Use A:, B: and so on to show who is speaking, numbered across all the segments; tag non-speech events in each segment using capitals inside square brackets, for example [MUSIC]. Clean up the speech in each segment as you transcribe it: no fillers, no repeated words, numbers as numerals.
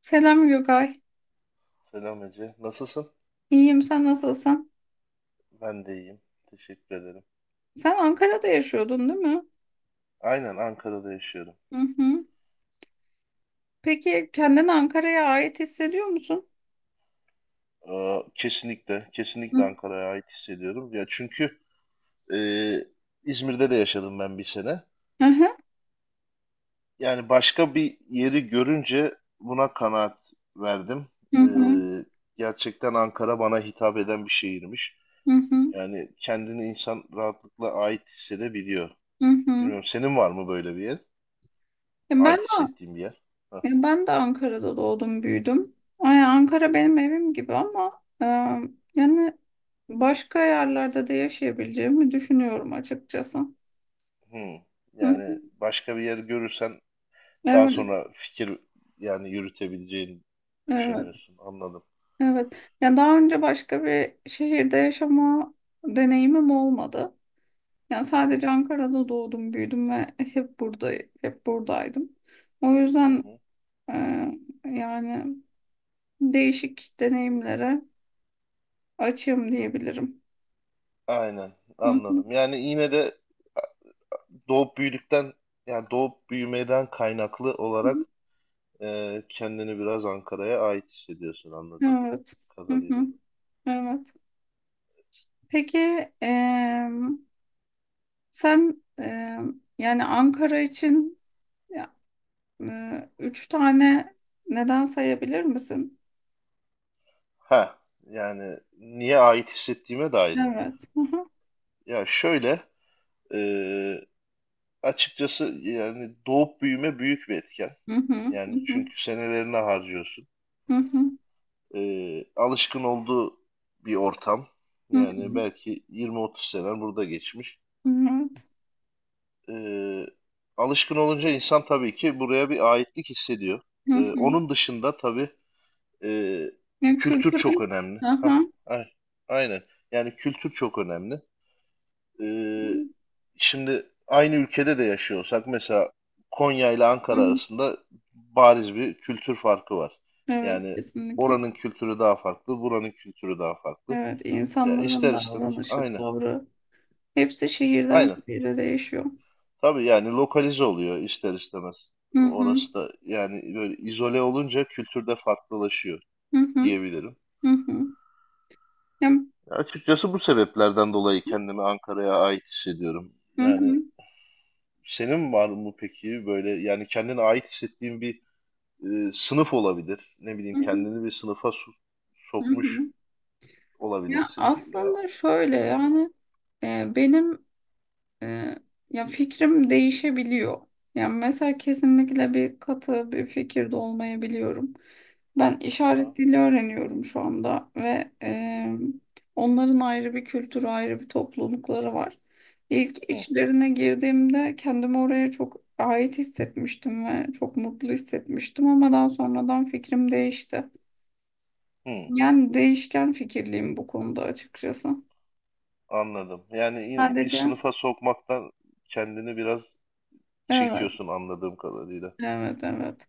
A: Selam Gökay.
B: Selam Ece. Nasılsın?
A: İyiyim, sen nasılsın?
B: Ben de iyiyim. Teşekkür ederim.
A: Sen Ankara'da yaşıyordun, değil mi?
B: Aynen Ankara'da yaşıyorum.
A: Hı hı. Peki kendini Ankara'ya ait hissediyor musun?
B: Kesinlikle, kesinlikle
A: Hı
B: Ankara'ya ait hissediyorum. Ya çünkü e, İzmir'de de yaşadım ben bir sene.
A: hı.
B: Yani başka bir yeri görünce buna kanaat verdim.
A: Hı
B: Ee,
A: hı.
B: Gerçekten Ankara bana hitap eden bir şehirmiş.
A: Hı hı.
B: Yani kendini insan rahatlıkla ait hissedebiliyor.
A: Hı hı.
B: Bilmiyorum, senin var mı böyle bir yer?
A: Ya Ben
B: Ait hissettiğin bir yer? Hah.
A: de, ben de Ankara'da doğdum, büyüdüm. Ay, Ankara benim evim gibi ama yani başka yerlerde de yaşayabileceğimi düşünüyorum açıkçası.
B: Hmm.
A: Hı hı.
B: Yani başka bir yer görürsen daha
A: Evet,
B: sonra fikir, yani yürütebileceğini
A: evet,
B: düşünüyorsun. Anladım.
A: evet. Yani daha önce başka bir şehirde yaşama deneyimim olmadı. Yani
B: Hı hı,
A: sadece Ankara'da doğdum, büyüdüm ve hep buradaydım. O
B: hı
A: yüzden
B: hı.
A: e, yani değişik deneyimlere açığım diyebilirim.
B: Aynen,
A: Hı hı,
B: anladım. Yani yine de doğup büyüdükten yani doğup büyümeden kaynaklı
A: hı.
B: olarak kendini biraz Ankara'ya ait hissediyorsun, anladığım
A: Evet. Hı
B: kadarıyla.
A: hı, Evet. Peki e, sen yani Ankara için ya, üç tane neden sayabilir misin?
B: Ha, yani niye ait hissettiğime dair mi?
A: Evet. Hı hı.
B: Ya şöyle, e, açıkçası yani doğup büyüme büyük bir etken.
A: Hı hı, hı
B: Yani
A: hı,
B: çünkü senelerini harcıyorsun. Alışkın olduğu bir ortam.
A: hı
B: Yani
A: hı,
B: belki 20-30 sene burada geçmiş.
A: hı hı.
B: E, Alışkın olunca insan tabii ki buraya bir aitlik hissediyor.
A: Evet.
B: Onun dışında tabii e,
A: Yani
B: kültür çok
A: kültürel.
B: önemli. Hah,
A: Aha.
B: a- aynen. Yani kültür çok önemli. E, Şimdi aynı ülkede de yaşıyorsak mesela Konya ile
A: Hı
B: Ankara
A: hı.
B: arasında bariz bir kültür farkı var.
A: Evet,
B: Yani
A: kesinlikle.
B: oranın kültürü daha farklı, buranın kültürü daha farklı.
A: Evet,
B: Ya
A: insanların
B: ister istemez.
A: davranışı,
B: Aynen.
A: tavrı, hepsi şehirden
B: Aynen.
A: şehire değişiyor.
B: Tabii yani lokalize oluyor ister istemez.
A: Hı hı.
B: Orası da yani böyle izole olunca kültürde farklılaşıyor
A: Hı hı.
B: diyebilirim.
A: Hı hı. Ya,
B: Ya açıkçası bu sebeplerden dolayı kendimi Ankara'ya ait hissediyorum.
A: hı
B: Yani
A: hı.
B: senin var mı peki böyle, yani kendine ait hissettiğin bir sınıf olabilir. Ne
A: Hı
B: bileyim,
A: hı.
B: kendini bir sınıfa
A: Hı
B: sokmuş
A: hı. Ya
B: olabilirsin. Ya,
A: aslında şöyle
B: aynen.
A: yani benim Ee, ya fikrim değişebiliyor. Yani mesela kesinlikle bir katı bir fikirde olmayabiliyorum. Ben
B: Aha.
A: işaret dili öğreniyorum şu anda ve
B: Hı hı.
A: onların ayrı bir kültürü, ayrı bir toplulukları var. İlk
B: Hı,
A: içlerine girdiğimde kendimi oraya çok ait hissetmiştim ve çok mutlu hissetmiştim ama daha sonradan fikrim değişti.
B: hı.
A: Yani değişken fikirliyim bu konuda açıkçası.
B: Anladım. Yani yine bir
A: Sadece
B: sınıfa sokmaktan kendini biraz
A: evet,
B: çekiyorsun, anladığım kadarıyla.
A: evet, evet.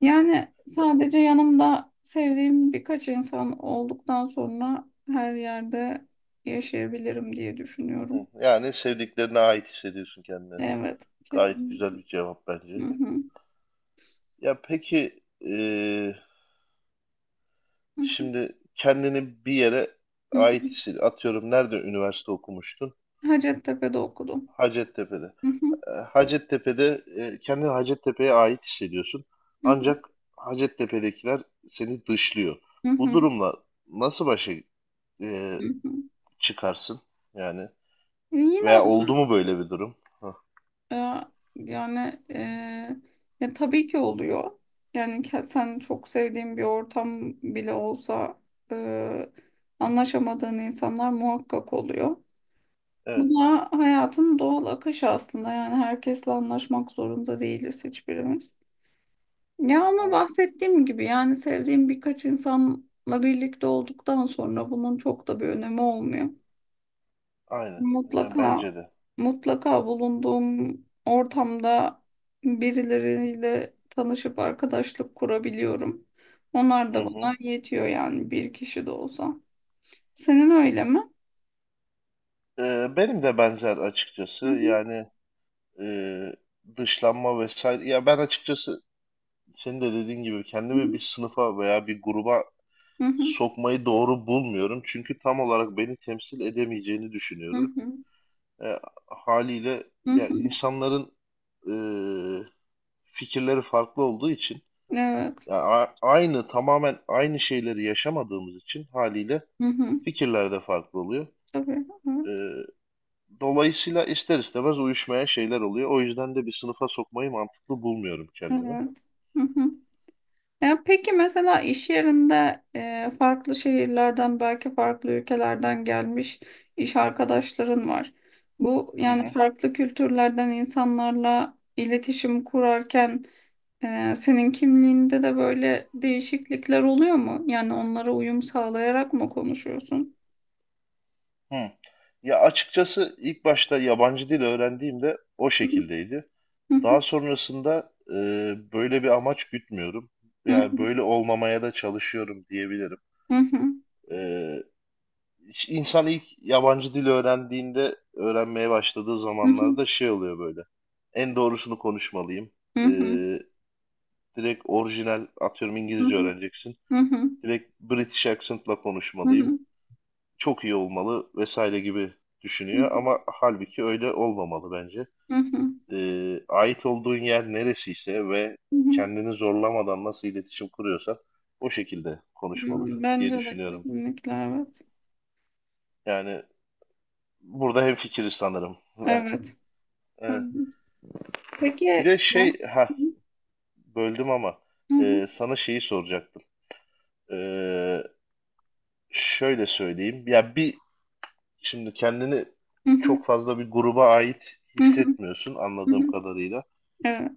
A: Yani sadece yanımda sevdiğim birkaç insan olduktan sonra her yerde yaşayabilirim diye düşünüyorum.
B: Hı. Yani sevdiklerine ait hissediyorsun kendini.
A: Evet,
B: Gayet
A: kesin.
B: güzel bir cevap
A: Hı
B: bence.
A: hı,
B: Ya peki,
A: hı hı,
B: şimdi kendini bir yere
A: hı
B: ait
A: hı.
B: hissediyorsun. Atıyorum, nerede üniversite okumuştun?
A: Hacettepe'de okudum.
B: Hacettepe'de.
A: Hı hı,
B: Hacettepe'de kendini Hacettepe'ye ait hissediyorsun.
A: hı hı,
B: Ancak Hacettepe'dekiler seni dışlıyor.
A: hı
B: Bu
A: hı,
B: durumla nasıl başa e,
A: hı hı.
B: çıkarsın yani?
A: Yine,
B: Veya oldu mu böyle bir durum? Hı.
A: e, yani, ya tabii ki oluyor. Yani sen çok sevdiğin bir ortam bile olsa, e, anlaşamadığın insanlar muhakkak oluyor. Bu
B: Evet.
A: da hayatın doğal akışı aslında. Yani herkesle anlaşmak zorunda değiliz hiçbirimiz. Ya ama
B: Aha.
A: bahsettiğim gibi yani sevdiğim birkaç insanla birlikte olduktan sonra bunun çok da bir önemi olmuyor.
B: Aynen. Yani
A: Mutlaka
B: bence de.
A: mutlaka bulunduğum ortamda birileriyle tanışıp arkadaşlık kurabiliyorum. Onlar
B: Hı
A: da
B: hı.
A: bana yetiyor yani bir kişi de olsa. Senin öyle mi?
B: Benim de benzer, açıkçası.
A: Hı hı.
B: Yani e, dışlanma vesaire. Ya ben açıkçası senin de dediğin gibi
A: Hı
B: kendimi bir sınıfa veya bir gruba
A: hı.
B: sokmayı doğru bulmuyorum. Çünkü tam olarak beni temsil edemeyeceğini
A: Hı
B: düşünüyorum.
A: hı.
B: E, Haliyle
A: Hı
B: ya
A: hı.
B: insanların e, fikirleri farklı olduğu için,
A: Evet.
B: ya aynı, tamamen aynı şeyleri yaşamadığımız için haliyle
A: Hı hı. Evet.
B: fikirler de farklı oluyor.
A: Tabii,
B: Ee,
A: evet,
B: Dolayısıyla ister istemez uyuşmayan şeyler oluyor. O yüzden de bir sınıfa sokmayı mantıklı bulmuyorum kendimi.
A: evet. Hı hı. Ya peki mesela iş yerinde, farklı şehirlerden belki farklı ülkelerden gelmiş iş arkadaşların var. Bu
B: Hı
A: yani
B: hı.
A: farklı kültürlerden insanlarla iletişim kurarken, senin kimliğinde de böyle değişiklikler oluyor mu? Yani onlara uyum sağlayarak mı konuşuyorsun?
B: Hı. Ya açıkçası ilk başta yabancı dil öğrendiğimde o
A: Hı
B: şekildeydi.
A: hı,
B: Daha sonrasında böyle bir amaç gütmüyorum.
A: hı
B: Yani
A: hı,
B: böyle olmamaya da çalışıyorum diyebilirim.
A: hı hı,
B: E, İşte İnsan ilk yabancı dil öğrendiğinde, öğrenmeye başladığı
A: hı hı,
B: zamanlarda şey oluyor böyle. En doğrusunu konuşmalıyım.
A: hı
B: Ee,
A: hı,
B: Direkt orijinal, atıyorum
A: hı
B: İngilizce
A: hı,
B: öğreneceksin.
A: hı hı,
B: Direkt British accent'la
A: hı
B: konuşmalıyım.
A: hı,
B: Çok iyi olmalı vesaire gibi düşünüyor ama halbuki öyle olmamalı bence.
A: hı hı,
B: Ait olduğun yer neresiyse ve
A: hı hı.
B: kendini zorlamadan nasıl iletişim kuruyorsan o şekilde
A: Hmm,
B: konuşmalısın diye
A: bence de
B: düşünüyorum.
A: kesinlikle evet.
B: Yani burada hemfikiriz sanırım. [LAUGHS]
A: Evet.
B: Evet.
A: Evet. Peki
B: Bir de
A: ya.
B: şey,
A: Hı
B: ha, böldüm ama
A: hı,
B: sana şeyi soracaktım. E, Şöyle söyleyeyim. Ya şimdi kendini
A: hı hı,
B: çok fazla bir gruba ait
A: hı hı,
B: hissetmiyorsun,
A: hı
B: anladığım
A: hı.
B: kadarıyla.
A: Evet.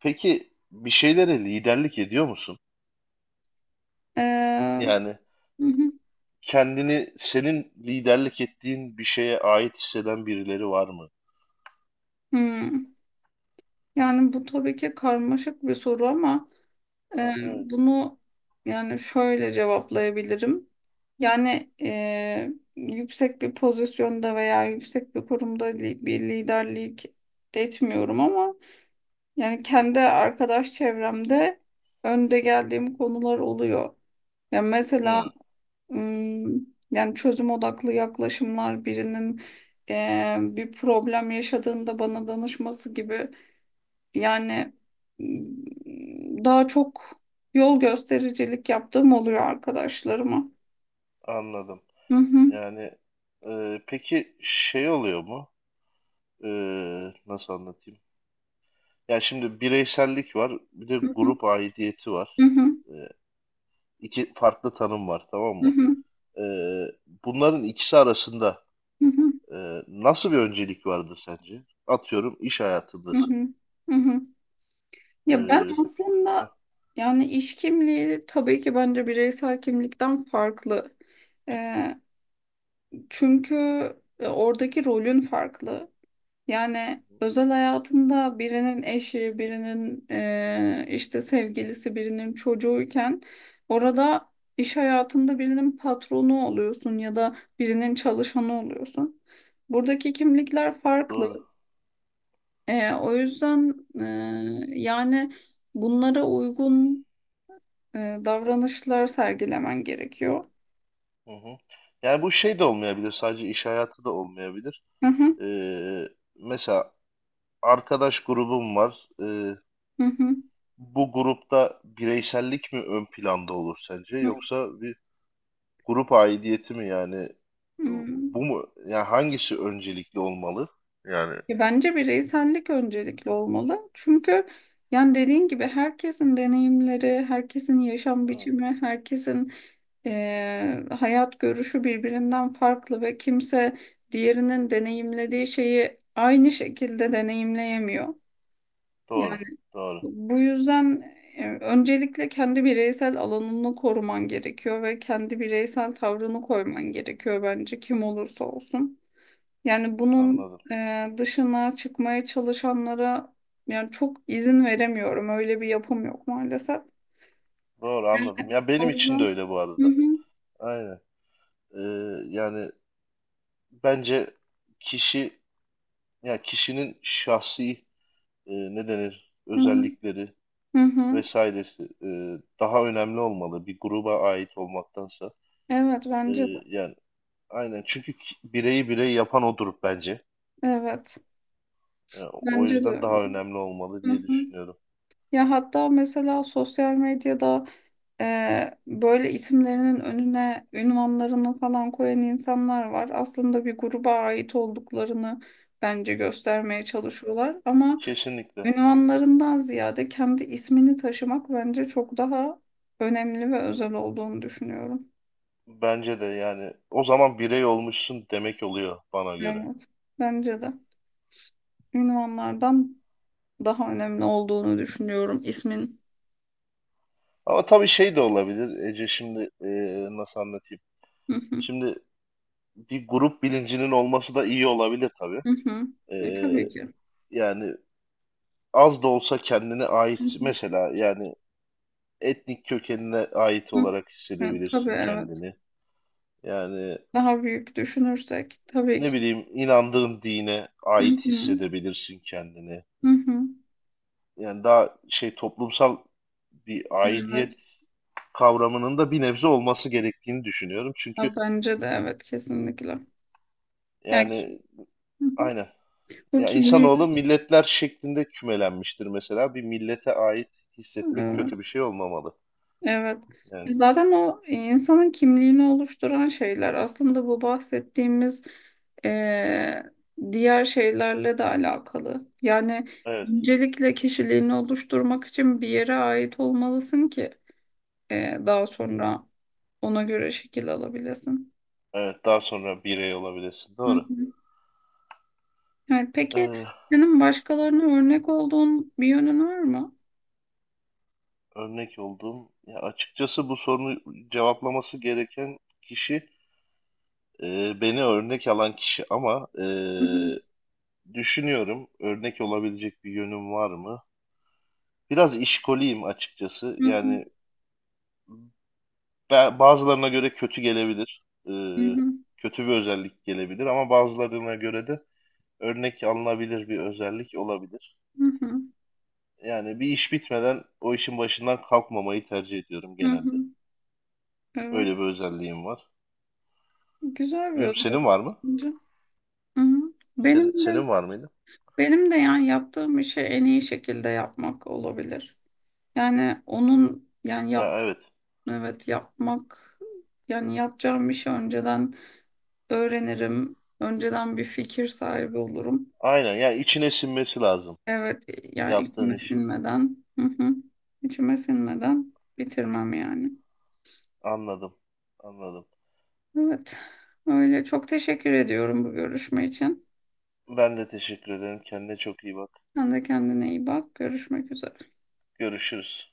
B: Peki bir şeylere liderlik ediyor musun?
A: Ee,
B: Yani
A: hı hı,
B: kendini senin liderlik ettiğin bir şeye ait hisseden birileri var mı?
A: hı. Yani bu tabii ki karmaşık bir soru ama,
B: Ha, evet.
A: bunu yani şöyle cevaplayabilirim. Yani yüksek bir pozisyonda veya yüksek bir kurumda bir liderlik etmiyorum ama yani
B: Hı hı.
A: kendi arkadaş çevremde önde geldiğim konular oluyor. Ya mesela
B: Hı,
A: yani çözüm odaklı yaklaşımlar, birinin bir problem yaşadığında bana danışması gibi, yani daha çok yol göstericilik yaptığım oluyor arkadaşlarıma.
B: anladım.
A: Hı hı,
B: Yani peki şey oluyor mu? E, Nasıl anlatayım? Ya şimdi bireysellik var, bir de
A: hı hı,
B: grup aidiyeti
A: hı
B: var.
A: hı,
B: Ee, iki farklı tanım var, tamam
A: hı
B: mı?
A: hı,
B: Ee, Bunların ikisi arasında
A: hı hı,
B: e, nasıl bir öncelik vardır sence? Atıyorum, iş
A: hı
B: hayatındasın.
A: hı, hı hı. Ya ben
B: Ee,
A: aslında
B: Hah,
A: yani iş kimliği tabii ki bence bireysel kimlikten farklı. Eee, çünkü oradaki rolün farklı. Yani özel hayatında birinin eşi, birinin işte sevgilisi, birinin çocuğuyken, orada iş hayatında birinin patronu oluyorsun ya da birinin çalışanı oluyorsun. Buradaki kimlikler farklı.
B: doğru.
A: O yüzden yani bunlara uygun davranışlar sergilemen gerekiyor.
B: Hı hı. Yani bu şey de olmayabilir, sadece iş hayatı da olmayabilir.
A: Hı hı,
B: Ee, Mesela arkadaş grubum var.
A: hı hı,
B: Bu grupta bireysellik mi ön planda olur sence,
A: hı
B: yoksa bir grup aidiyeti mi, yani
A: hı.
B: bu mu? Yani hangisi öncelikli olmalı? Yani
A: Ya bence bireysellik öncelikli olmalı. Çünkü yani dediğin gibi herkesin deneyimleri, herkesin yaşam
B: evet,
A: biçimi, herkesin hayat görüşü birbirinden farklı ve kimse diğerinin deneyimlediği şeyi aynı şekilde deneyimleyemiyor. Yani
B: doğru, doğru.
A: bu yüzden öncelikle kendi bireysel alanını koruman gerekiyor ve kendi bireysel tavrını koyman gerekiyor, bence kim olursa olsun. Yani bunun
B: Anladım.
A: dışına çıkmaya çalışanlara yani çok izin veremiyorum. Öyle bir yapım yok maalesef.
B: Doğru, anladım. Ya
A: O
B: benim için de
A: yüzden
B: öyle, bu
A: hı
B: arada.
A: hı,
B: Aynen. Ee, Yani bence kişi, ya kişinin şahsi, ne denir,
A: hı hı.
B: özellikleri
A: Hı hı.
B: vesairesi daha önemli olmalı bir gruba ait olmaktansa.
A: Evet,
B: E,
A: bence de.
B: Yani aynen, çünkü bireyi birey yapan odur bence.
A: Evet.
B: E, O
A: Bence de
B: yüzden
A: öyle.
B: daha önemli olmalı
A: Hı
B: diye
A: hı.
B: düşünüyorum.
A: Ya hatta mesela sosyal medyada, böyle isimlerinin önüne ünvanlarını falan koyan insanlar var. Aslında bir gruba ait olduklarını bence göstermeye çalışıyorlar ama
B: Kesinlikle.
A: ünvanlarından ziyade kendi ismini taşımak bence çok daha önemli ve özel olduğunu düşünüyorum.
B: Bence de, yani o zaman birey olmuşsun demek oluyor bana göre.
A: Evet, bence de ünvanlardan daha önemli olduğunu düşünüyorum ismin.
B: Ama tabii şey de olabilir Ece, şimdi nasıl anlatayım?
A: Hı hı,
B: Şimdi bir grup bilincinin olması da iyi olabilir tabii.
A: hı hı.
B: E,
A: Tabii ki.
B: Yani az da olsa kendine
A: Hı
B: ait,
A: hı,
B: mesela yani etnik kökenine ait
A: hı.
B: olarak
A: Evet, tabii,
B: hissedebilirsin
A: evet.
B: kendini. Yani
A: Daha büyük düşünürsek tabii
B: ne
A: ki.
B: bileyim, inandığın dine
A: Hı
B: ait
A: hı.
B: hissedebilirsin kendini.
A: Hı hı.
B: Yani daha şey, toplumsal bir
A: Evet.
B: aidiyet kavramının da bir nebze olması gerektiğini düşünüyorum. Çünkü
A: Ha, bence de evet, kesinlikle. Yani
B: yani
A: hı hı.
B: aynen.
A: Bu
B: Ya
A: kimliği
B: insanoğlu milletler şeklinde kümelenmiştir mesela. Bir millete ait hissetmek
A: evet.
B: kötü bir şey olmamalı.
A: Evet.
B: Yani
A: Zaten o insanın kimliğini oluşturan şeyler aslında bu bahsettiğimiz eee, diğer şeylerle de alakalı. Yani
B: evet,
A: öncelikle kişiliğini oluşturmak için bir yere ait olmalısın ki daha sonra ona göre şekil alabilesin.
B: evet, daha sonra birey olabilirsin.
A: Hı
B: Doğru.
A: hı. Evet, peki
B: Ee,
A: senin başkalarına örnek olduğun bir yönün var mı?
B: Örnek olduğum, ya açıkçası bu sorunu cevaplaması gereken kişi beni örnek alan kişi ama
A: Hı hı,
B: düşünüyorum, örnek olabilecek bir yönüm var mı? Biraz işkoliyim açıkçası.
A: hı hı,
B: Yani bazılarına göre kötü gelebilir. Ee,
A: hı hı,
B: Kötü bir özellik gelebilir ama bazılarına göre de örnek alınabilir bir özellik olabilir.
A: hı hı,
B: Yani bir iş bitmeden o işin başından kalkmamayı tercih ediyorum
A: hı
B: genelde.
A: hı. Evet,
B: Öyle bir özelliğim var.
A: güzel bir
B: Bilmiyorum,
A: özellik
B: senin var mı?
A: bence. Hı hı.
B: Senin,
A: Benim de
B: senin var mıydı?
A: benim de yani yaptığım işi en iyi şekilde yapmak olabilir. Yani onun yani
B: Ha, evet.
A: evet, yapmak, yani yapacağım işi önceden öğrenirim. Önceden bir fikir sahibi olurum.
B: Aynen. Ya içine sinmesi lazım
A: Evet, ya
B: yaptığın
A: içime
B: işin.
A: sinmeden. Hı hı. İçime sinmeden bitirmem yani.
B: Anladım. Anladım.
A: Evet. Öyle çok teşekkür ediyorum bu görüşme için.
B: Ben de teşekkür ederim. Kendine çok iyi bak.
A: Sen de kendine iyi bak. Görüşmek üzere.
B: Görüşürüz.